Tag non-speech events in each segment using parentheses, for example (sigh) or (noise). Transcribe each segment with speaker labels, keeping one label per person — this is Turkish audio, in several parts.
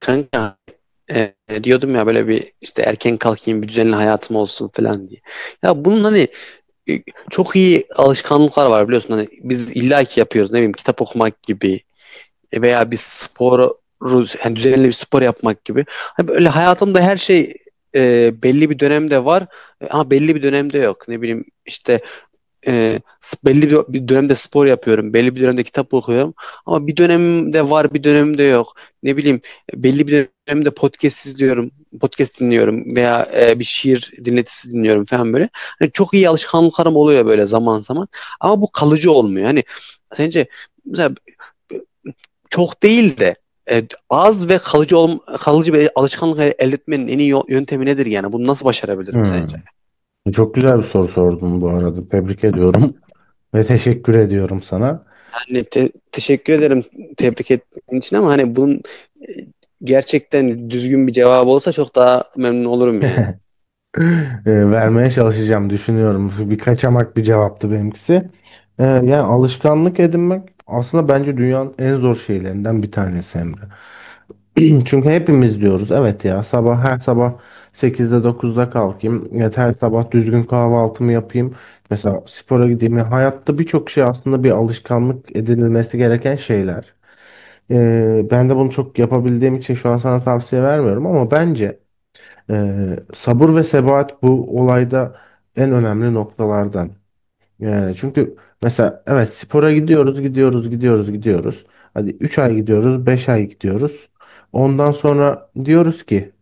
Speaker 1: Kanka, e, diyordum ya böyle bir işte erken kalkayım, bir düzenli hayatım olsun falan diye. Ya bunun hani e, çok iyi alışkanlıklar var biliyorsun, hani biz illaki yapıyoruz, ne bileyim, kitap okumak gibi, veya bir sporu, yani düzenli bir spor yapmak gibi. Hani böyle hayatımda her şey belli bir dönemde var, ama belli bir dönemde yok. Ne bileyim işte, e, belli bir dönemde spor yapıyorum, belli bir dönemde kitap okuyorum, ama bir dönemimde var, bir dönemimde yok. Ne bileyim, belli bir dönemde podcast izliyorum, podcast dinliyorum veya bir şiir dinletisi dinliyorum falan böyle. Hani çok iyi alışkanlıklarım oluyor böyle zaman zaman ama bu kalıcı olmuyor. Hani sence mesela çok değil de az ve kalıcı bir alışkanlık elde etmenin en iyi yöntemi nedir yani? Bunu nasıl başarabilirim
Speaker 2: Hmm.
Speaker 1: sence?
Speaker 2: Çok güzel bir soru sordun bu arada. Tebrik ediyorum (laughs) ve teşekkür ediyorum sana. (laughs)
Speaker 1: Hani teşekkür ederim tebrik ettiğin için, ama hani bunun e, gerçekten düzgün bir cevabı olsa çok daha memnun olurum yani.
Speaker 2: Vermeye çalışacağım düşünüyorum. (laughs) Bir kaçamak bir cevaptı benimkisi. Yani alışkanlık edinmek aslında bence dünyanın en zor şeylerinden bir tanesi Emre. (clears throat) Çünkü hepimiz diyoruz evet ya sabah her sabah 8'de 9'da kalkayım. Evet, her sabah düzgün kahvaltımı yapayım. Mesela spora gideyim. Ya hayatta birçok şey aslında bir alışkanlık edinilmesi gereken şeyler. Ben de bunu çok yapabildiğim için şu an sana tavsiye vermiyorum ama bence sabır ve sebat bu olayda en önemli noktalardan. Yani çünkü mesela evet spora gidiyoruz, gidiyoruz, gidiyoruz, gidiyoruz. Hadi 3 ay gidiyoruz, 5 ay gidiyoruz. Ondan sonra diyoruz ki: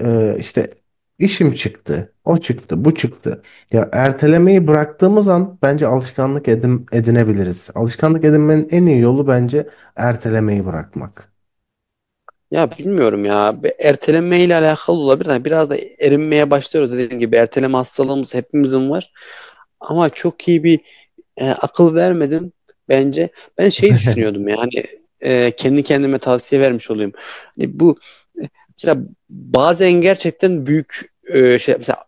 Speaker 2: İşte işim çıktı, o çıktı, bu çıktı. Ya ertelemeyi bıraktığımız an bence alışkanlık edinebiliriz. Alışkanlık edinmenin en iyi yolu bence ertelemeyi bırakmak."
Speaker 1: Ya bilmiyorum ya. Bir erteleme ile alakalı olabilir. Yani biraz da erinmeye başlıyoruz. Dediğim gibi erteleme hastalığımız hepimizin var. Ama çok iyi bir akıl vermedin bence. Ben şey
Speaker 2: (laughs)
Speaker 1: düşünüyordum yani, kendi kendime tavsiye vermiş olayım. Hani bu e, mesela bazen gerçekten büyük şey, mesela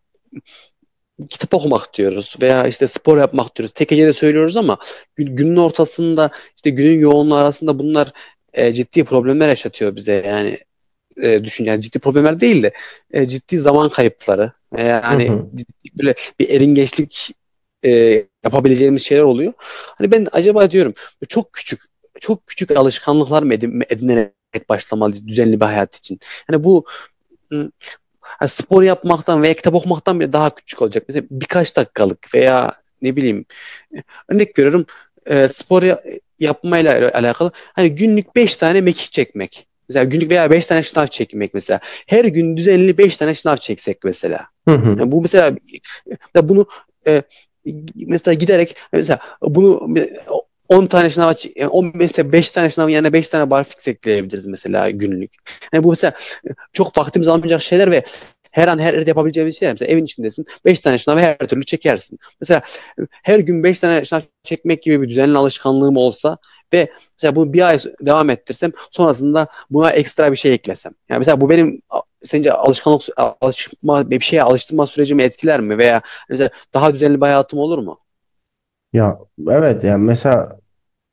Speaker 1: kitap okumak diyoruz veya işte spor yapmak diyoruz. Tek hecede söylüyoruz ama günün ortasında, işte günün yoğunluğu arasında bunlar ciddi problemler yaşatıyor bize. Yani düşün, yani ciddi problemler değil de ciddi zaman kayıpları,
Speaker 2: Hı
Speaker 1: yani
Speaker 2: hı.
Speaker 1: böyle bir eringeçlik e, yapabileceğimiz şeyler oluyor. Hani ben acaba diyorum, çok küçük, çok küçük alışkanlıklar mı edinerek başlamalı düzenli bir hayat için? Yani bu, m, hani spor yapmaktan veya kitap okumaktan bile daha küçük olacak. Mesela birkaç dakikalık veya, ne bileyim, örnek görüyorum, e, spor ya- yapmayla alakalı, hani günlük 5 tane mekik çekmek. Mesela günlük veya 5 tane şınav çekmek mesela. Her gün düzenli 5 tane şınav çeksek mesela.
Speaker 2: Hı hı.
Speaker 1: Yani bu mesela, ya bunu e, mesela giderek mesela bunu 10 tane şınava, 10 mesela 5 tane şınavın yerine 5 tane barfix ekleyebiliriz mesela günlük. Yani bu mesela çok vaktimiz almayacak şeyler ve her an her yerde yapabileceğimiz şeyler. Mesela evin içindesin. Beş tane şınav her türlü çekersin. Mesela her gün 5 tane şınav çekmek gibi bir düzenli alışkanlığım olsa ve mesela bunu bir ay devam ettirsem, sonrasında buna ekstra bir şey eklesem. Yani mesela bu benim, sence alışkanlık alışma bir şeye alıştırma sürecimi etkiler mi veya mesela daha düzenli bir hayatım olur mu?
Speaker 2: Ya evet yani mesela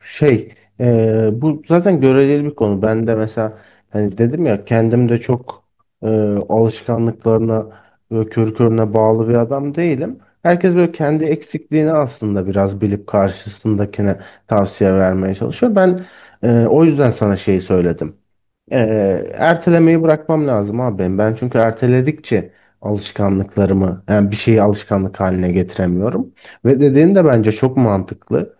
Speaker 2: Şey, bu zaten göreceli bir konu. Ben de mesela hani dedim ya kendim de çok eee, alışkanlıklarına böyle körü körüne bağlı bir adam değilim. Herkes böyle kendi eksikliğini aslında biraz bilip karşısındakine tavsiye vermeye çalışıyor. Ben o yüzden sana şeyi söyledim. Ertelemeyi bırakmam lazım abi benim. Ben çünkü erteledikçe alışkanlıklarımı yani bir şeyi alışkanlık haline getiremiyorum. Ve dediğin de bence çok mantıklı.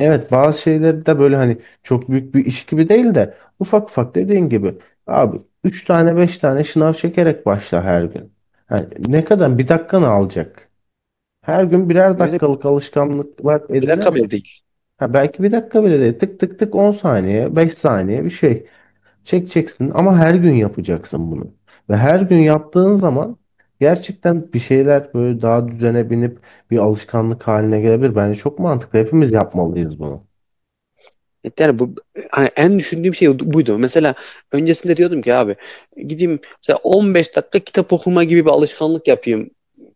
Speaker 2: Evet, bazı şeyleri de böyle hani çok büyük bir iş gibi değil de ufak ufak, dediğin gibi, abi 3 tane 5 tane şınav çekerek başla her gün. Yani ne kadar bir dakikanı alacak? Her gün birer
Speaker 1: Öyle bir,
Speaker 2: dakikalık alışkanlıklar
Speaker 1: Bir dakika
Speaker 2: edinerek,
Speaker 1: bile değil.
Speaker 2: ha belki bir dakika bile değil, tık tık tık, 10 saniye 5 saniye bir şey çekeceksin ama her gün yapacaksın bunu. Ve her gün yaptığın zaman gerçekten bir şeyler böyle daha düzene binip bir alışkanlık haline gelebilir. Bence çok mantıklı, hepimiz yapmalıyız bunu.
Speaker 1: Evet, yani bu, hani en düşündüğüm şey buydu. Mesela öncesinde diyordum ki, abi gideyim mesela 15 dakika kitap okuma gibi bir alışkanlık yapayım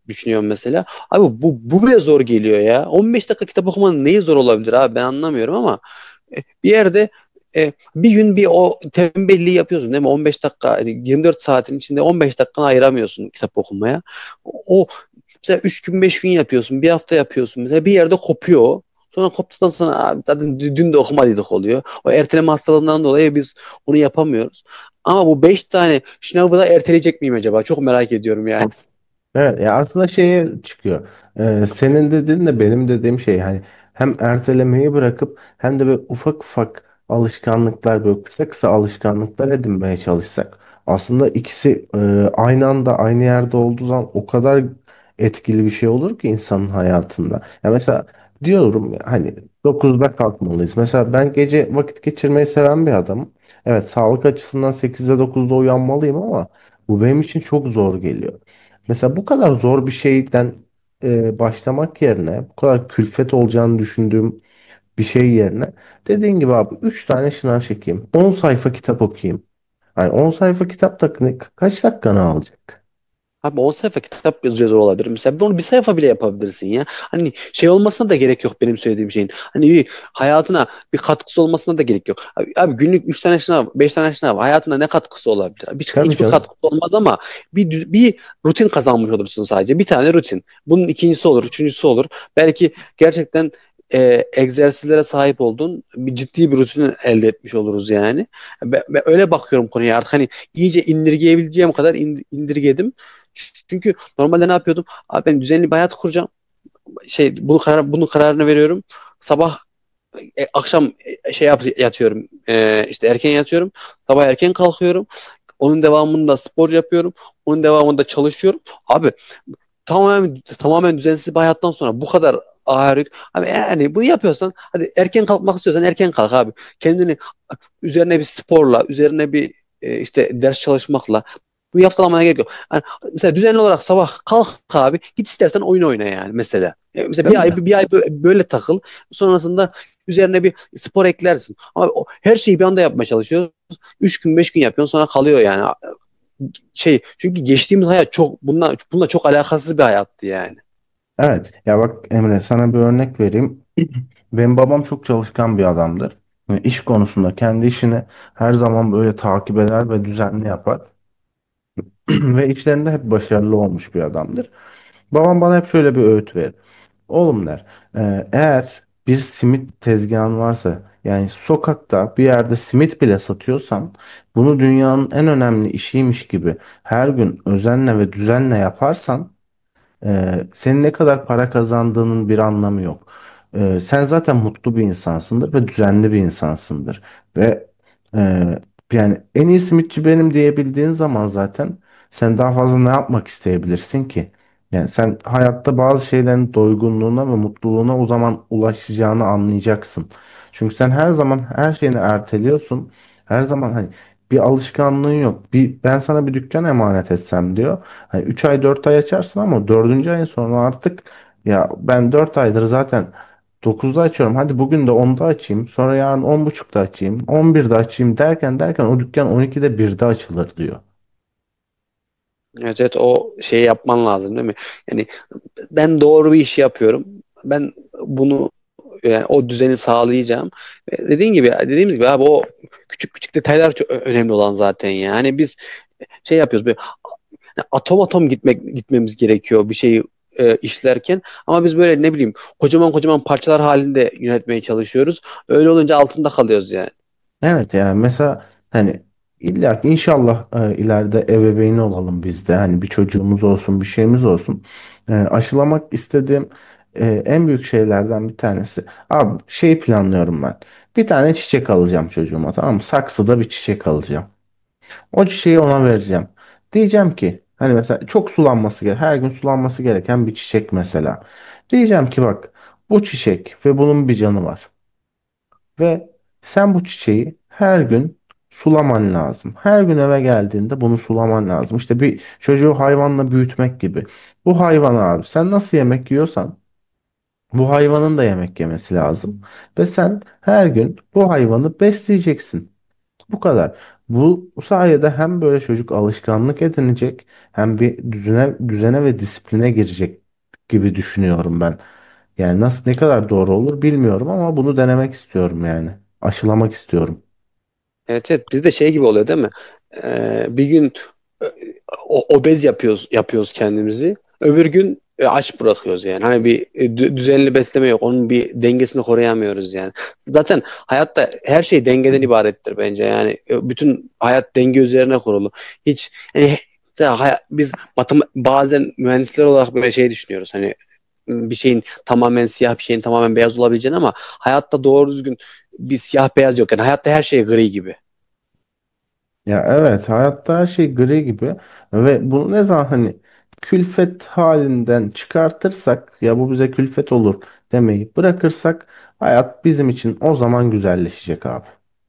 Speaker 1: düşünüyorum mesela. Abi bu bile zor geliyor ya. 15 dakika kitap okumanın neyi zor olabilir abi, ben anlamıyorum, ama e, bir yerde bir gün bir o tembelliği yapıyorsun değil mi? 15 dakika, yani 24 saatin içinde 15 dakikanı ayıramıyorsun kitap okumaya. O Mesela 3 gün 5 gün yapıyorsun. Bir hafta yapıyorsun. Mesela bir yerde kopuyor Sonra koptuktan sonra abi zaten dün de okumadıydık oluyor. O erteleme hastalığından dolayı biz onu yapamıyoruz. Ama bu 5 tane sınavı da erteleyecek miyim acaba? Çok merak ediyorum yani.
Speaker 2: Evet ya, aslında şeye çıkıyor. Senin dediğin de benim dediğim şey, hani hem ertelemeyi bırakıp hem de böyle ufak ufak alışkanlıklar, böyle kısa kısa alışkanlıklar edinmeye çalışsak, aslında ikisi aynı anda aynı yerde olduğu zaman o kadar etkili bir şey olur ki insanın hayatında. Ya mesela diyorum ya, hani 9'da kalkmalıyız. Mesela ben gece vakit geçirmeyi seven bir adamım. Evet, sağlık açısından 8'de 9'da uyanmalıyım ama bu benim için çok zor geliyor. Mesela bu kadar zor bir şeyden başlamak yerine, bu kadar külfet olacağını düşündüğüm bir şey yerine, dediğin gibi abi, 3 tane şınav çekeyim, 10 sayfa kitap okuyayım. Yani 10 sayfa kitap da kaç dakikanı alacak?
Speaker 1: Abi 10 sayfa kitap yazıyor olabilir. Mesela bunu bir sayfa bile yapabilirsin ya. Hani şey olmasına da gerek yok benim söylediğim şeyin. Hani bir hayatına bir katkısı olmasına da gerek yok. Abi, abi, günlük 3 tane sınav, 5 tane sınav hayatına ne katkısı olabilir? Abi hiç,
Speaker 2: Tabii
Speaker 1: hiçbir
Speaker 2: canım.
Speaker 1: katkısı olmaz ama bir rutin kazanmış olursun sadece. Bir tane rutin. Bunun ikincisi olur, üçüncüsü olur. Belki gerçekten egzersizlere sahip olduğun, bir ciddi bir rutin elde etmiş oluruz yani. Ben öyle bakıyorum konuya artık, hani iyice indirgeyebileceğim kadar indirgedim. Çünkü normalde ne yapıyordum? Abi ben düzenli bir hayat kuracağım. Bunun kararını veriyorum. Sabah akşam yatıyorum. İşte erken yatıyorum. Sabah erken kalkıyorum. Onun devamında spor yapıyorum. Onun devamında çalışıyorum. Abi tamamen düzensiz bir hayattan sonra bu kadar ağır yük. Abi yani bunu yapıyorsan, hadi erken kalkmak istiyorsan erken kalk abi. Kendini üzerine bir sporla, üzerine bir işte ders çalışmakla bunu yaftalamana gerek yok. Yani mesela düzenli olarak sabah kalk abi, git istersen oyun oyna yani mesela. E, mesela
Speaker 2: Değil mi?
Speaker 1: bir ay böyle takıl. Sonrasında üzerine bir spor eklersin. Ama her şeyi bir anda yapmaya çalışıyoruz. Üç gün beş gün yapıyorsun sonra kalıyor yani. Şey, çünkü geçtiğimiz hayat çok bununla çok alakasız bir hayattı yani.
Speaker 2: Evet ya, bak Emre, sana bir örnek vereyim. (clears throat) Benim babam çok çalışkan bir adamdır. Yani iş konusunda kendi işini her zaman böyle takip eder ve düzenli yapar. (clears throat) Ve işlerinde hep başarılı olmuş bir adamdır. Babam bana hep şöyle bir öğüt verir. Oğlum, der, eğer bir simit tezgahın varsa, yani sokakta bir yerde simit bile satıyorsan, bunu dünyanın en önemli işiymiş gibi her gün özenle ve düzenle yaparsan, senin ne kadar para kazandığının bir anlamı yok. Sen zaten mutlu bir insansındır ve düzenli bir insansındır. Ve e, yani en iyi simitçi benim diyebildiğin zaman, zaten sen daha fazla ne yapmak isteyebilirsin ki? Yani sen hayatta bazı şeylerin doygunluğuna ve mutluluğuna o zaman ulaşacağını anlayacaksın. Çünkü sen her zaman her şeyini erteliyorsun. Her zaman hani bir alışkanlığın yok. Bir, ben sana bir dükkan emanet etsem," diyor. "Hani 3 ay 4 ay açarsın ama dördüncü ayın sonra artık, ya ben 4 aydır zaten 9'da açıyorum, hadi bugün de 10'da açayım, sonra yarın on buçukta açayım, 11'de açayım derken derken o dükkan 12'de birde açılır," diyor.
Speaker 1: Evet, evet, o şeyi yapman lazım değil mi? Yani ben doğru bir iş yapıyorum. Ben bunu, yani o düzeni sağlayacağım. Dediğin gibi dediğimiz gibi abi o küçük küçük detaylar çok önemli olan zaten yani. Biz şey yapıyoruz böyle, hani atom atom gitmemiz gerekiyor bir şeyi işlerken, ama biz böyle ne bileyim kocaman kocaman parçalar halinde yönetmeye çalışıyoruz. Öyle olunca altında kalıyoruz yani.
Speaker 2: Evet yani mesela hani, illa ki inşallah ileride ebeveyni olalım biz de. Hani bir çocuğumuz olsun, bir şeyimiz olsun. Aşılamak istediğim en büyük şeylerden bir tanesi: abi şey planlıyorum ben. Bir tane çiçek alacağım çocuğuma, tamam mı? Saksıda bir çiçek alacağım. O çiçeği ona vereceğim. Diyeceğim ki, hani mesela çok sulanması gerek. Her gün sulanması gereken bir çiçek mesela. Diyeceğim ki, bak, bu çiçek ve bunun bir canı var. Ve sen bu çiçeği her gün sulaman lazım. Her gün eve geldiğinde bunu sulaman lazım. İşte bir çocuğu hayvanla büyütmek gibi. Bu hayvan, abi, sen nasıl yemek yiyorsan bu hayvanın da yemek yemesi lazım. Ve sen her gün bu hayvanı besleyeceksin. Bu kadar. Bu sayede hem böyle çocuk alışkanlık edinecek, hem bir düzene ve disipline girecek gibi düşünüyorum ben. Yani nasıl, ne kadar doğru olur bilmiyorum ama bunu denemek istiyorum yani. Aşılamak istiyorum.
Speaker 1: Evet, evet, bizde şey gibi oluyor değil mi? Bir gün e, obez yapıyoruz kendimizi. Öbür gün aç bırakıyoruz yani. Hani bir düzenli besleme yok. Onun bir dengesini koruyamıyoruz yani. Zaten hayatta her şey dengeden ibarettir bence. Yani bütün hayat denge üzerine kurulu. Hiç yani he- biz bazen mühendisler olarak böyle şey düşünüyoruz. Hani bir şeyin tamamen siyah, bir şeyin tamamen beyaz olabileceğini, ama hayatta doğru düzgün bir siyah beyaz yok. Yani hayatta her şey gri gibi.
Speaker 2: Ya evet, hayatta her şey gri gibi ve bunu ne zaman hani külfet halinden çıkartırsak, ya bu bize külfet olur demeyi bırakırsak, hayat bizim için o zaman güzelleşecek abi.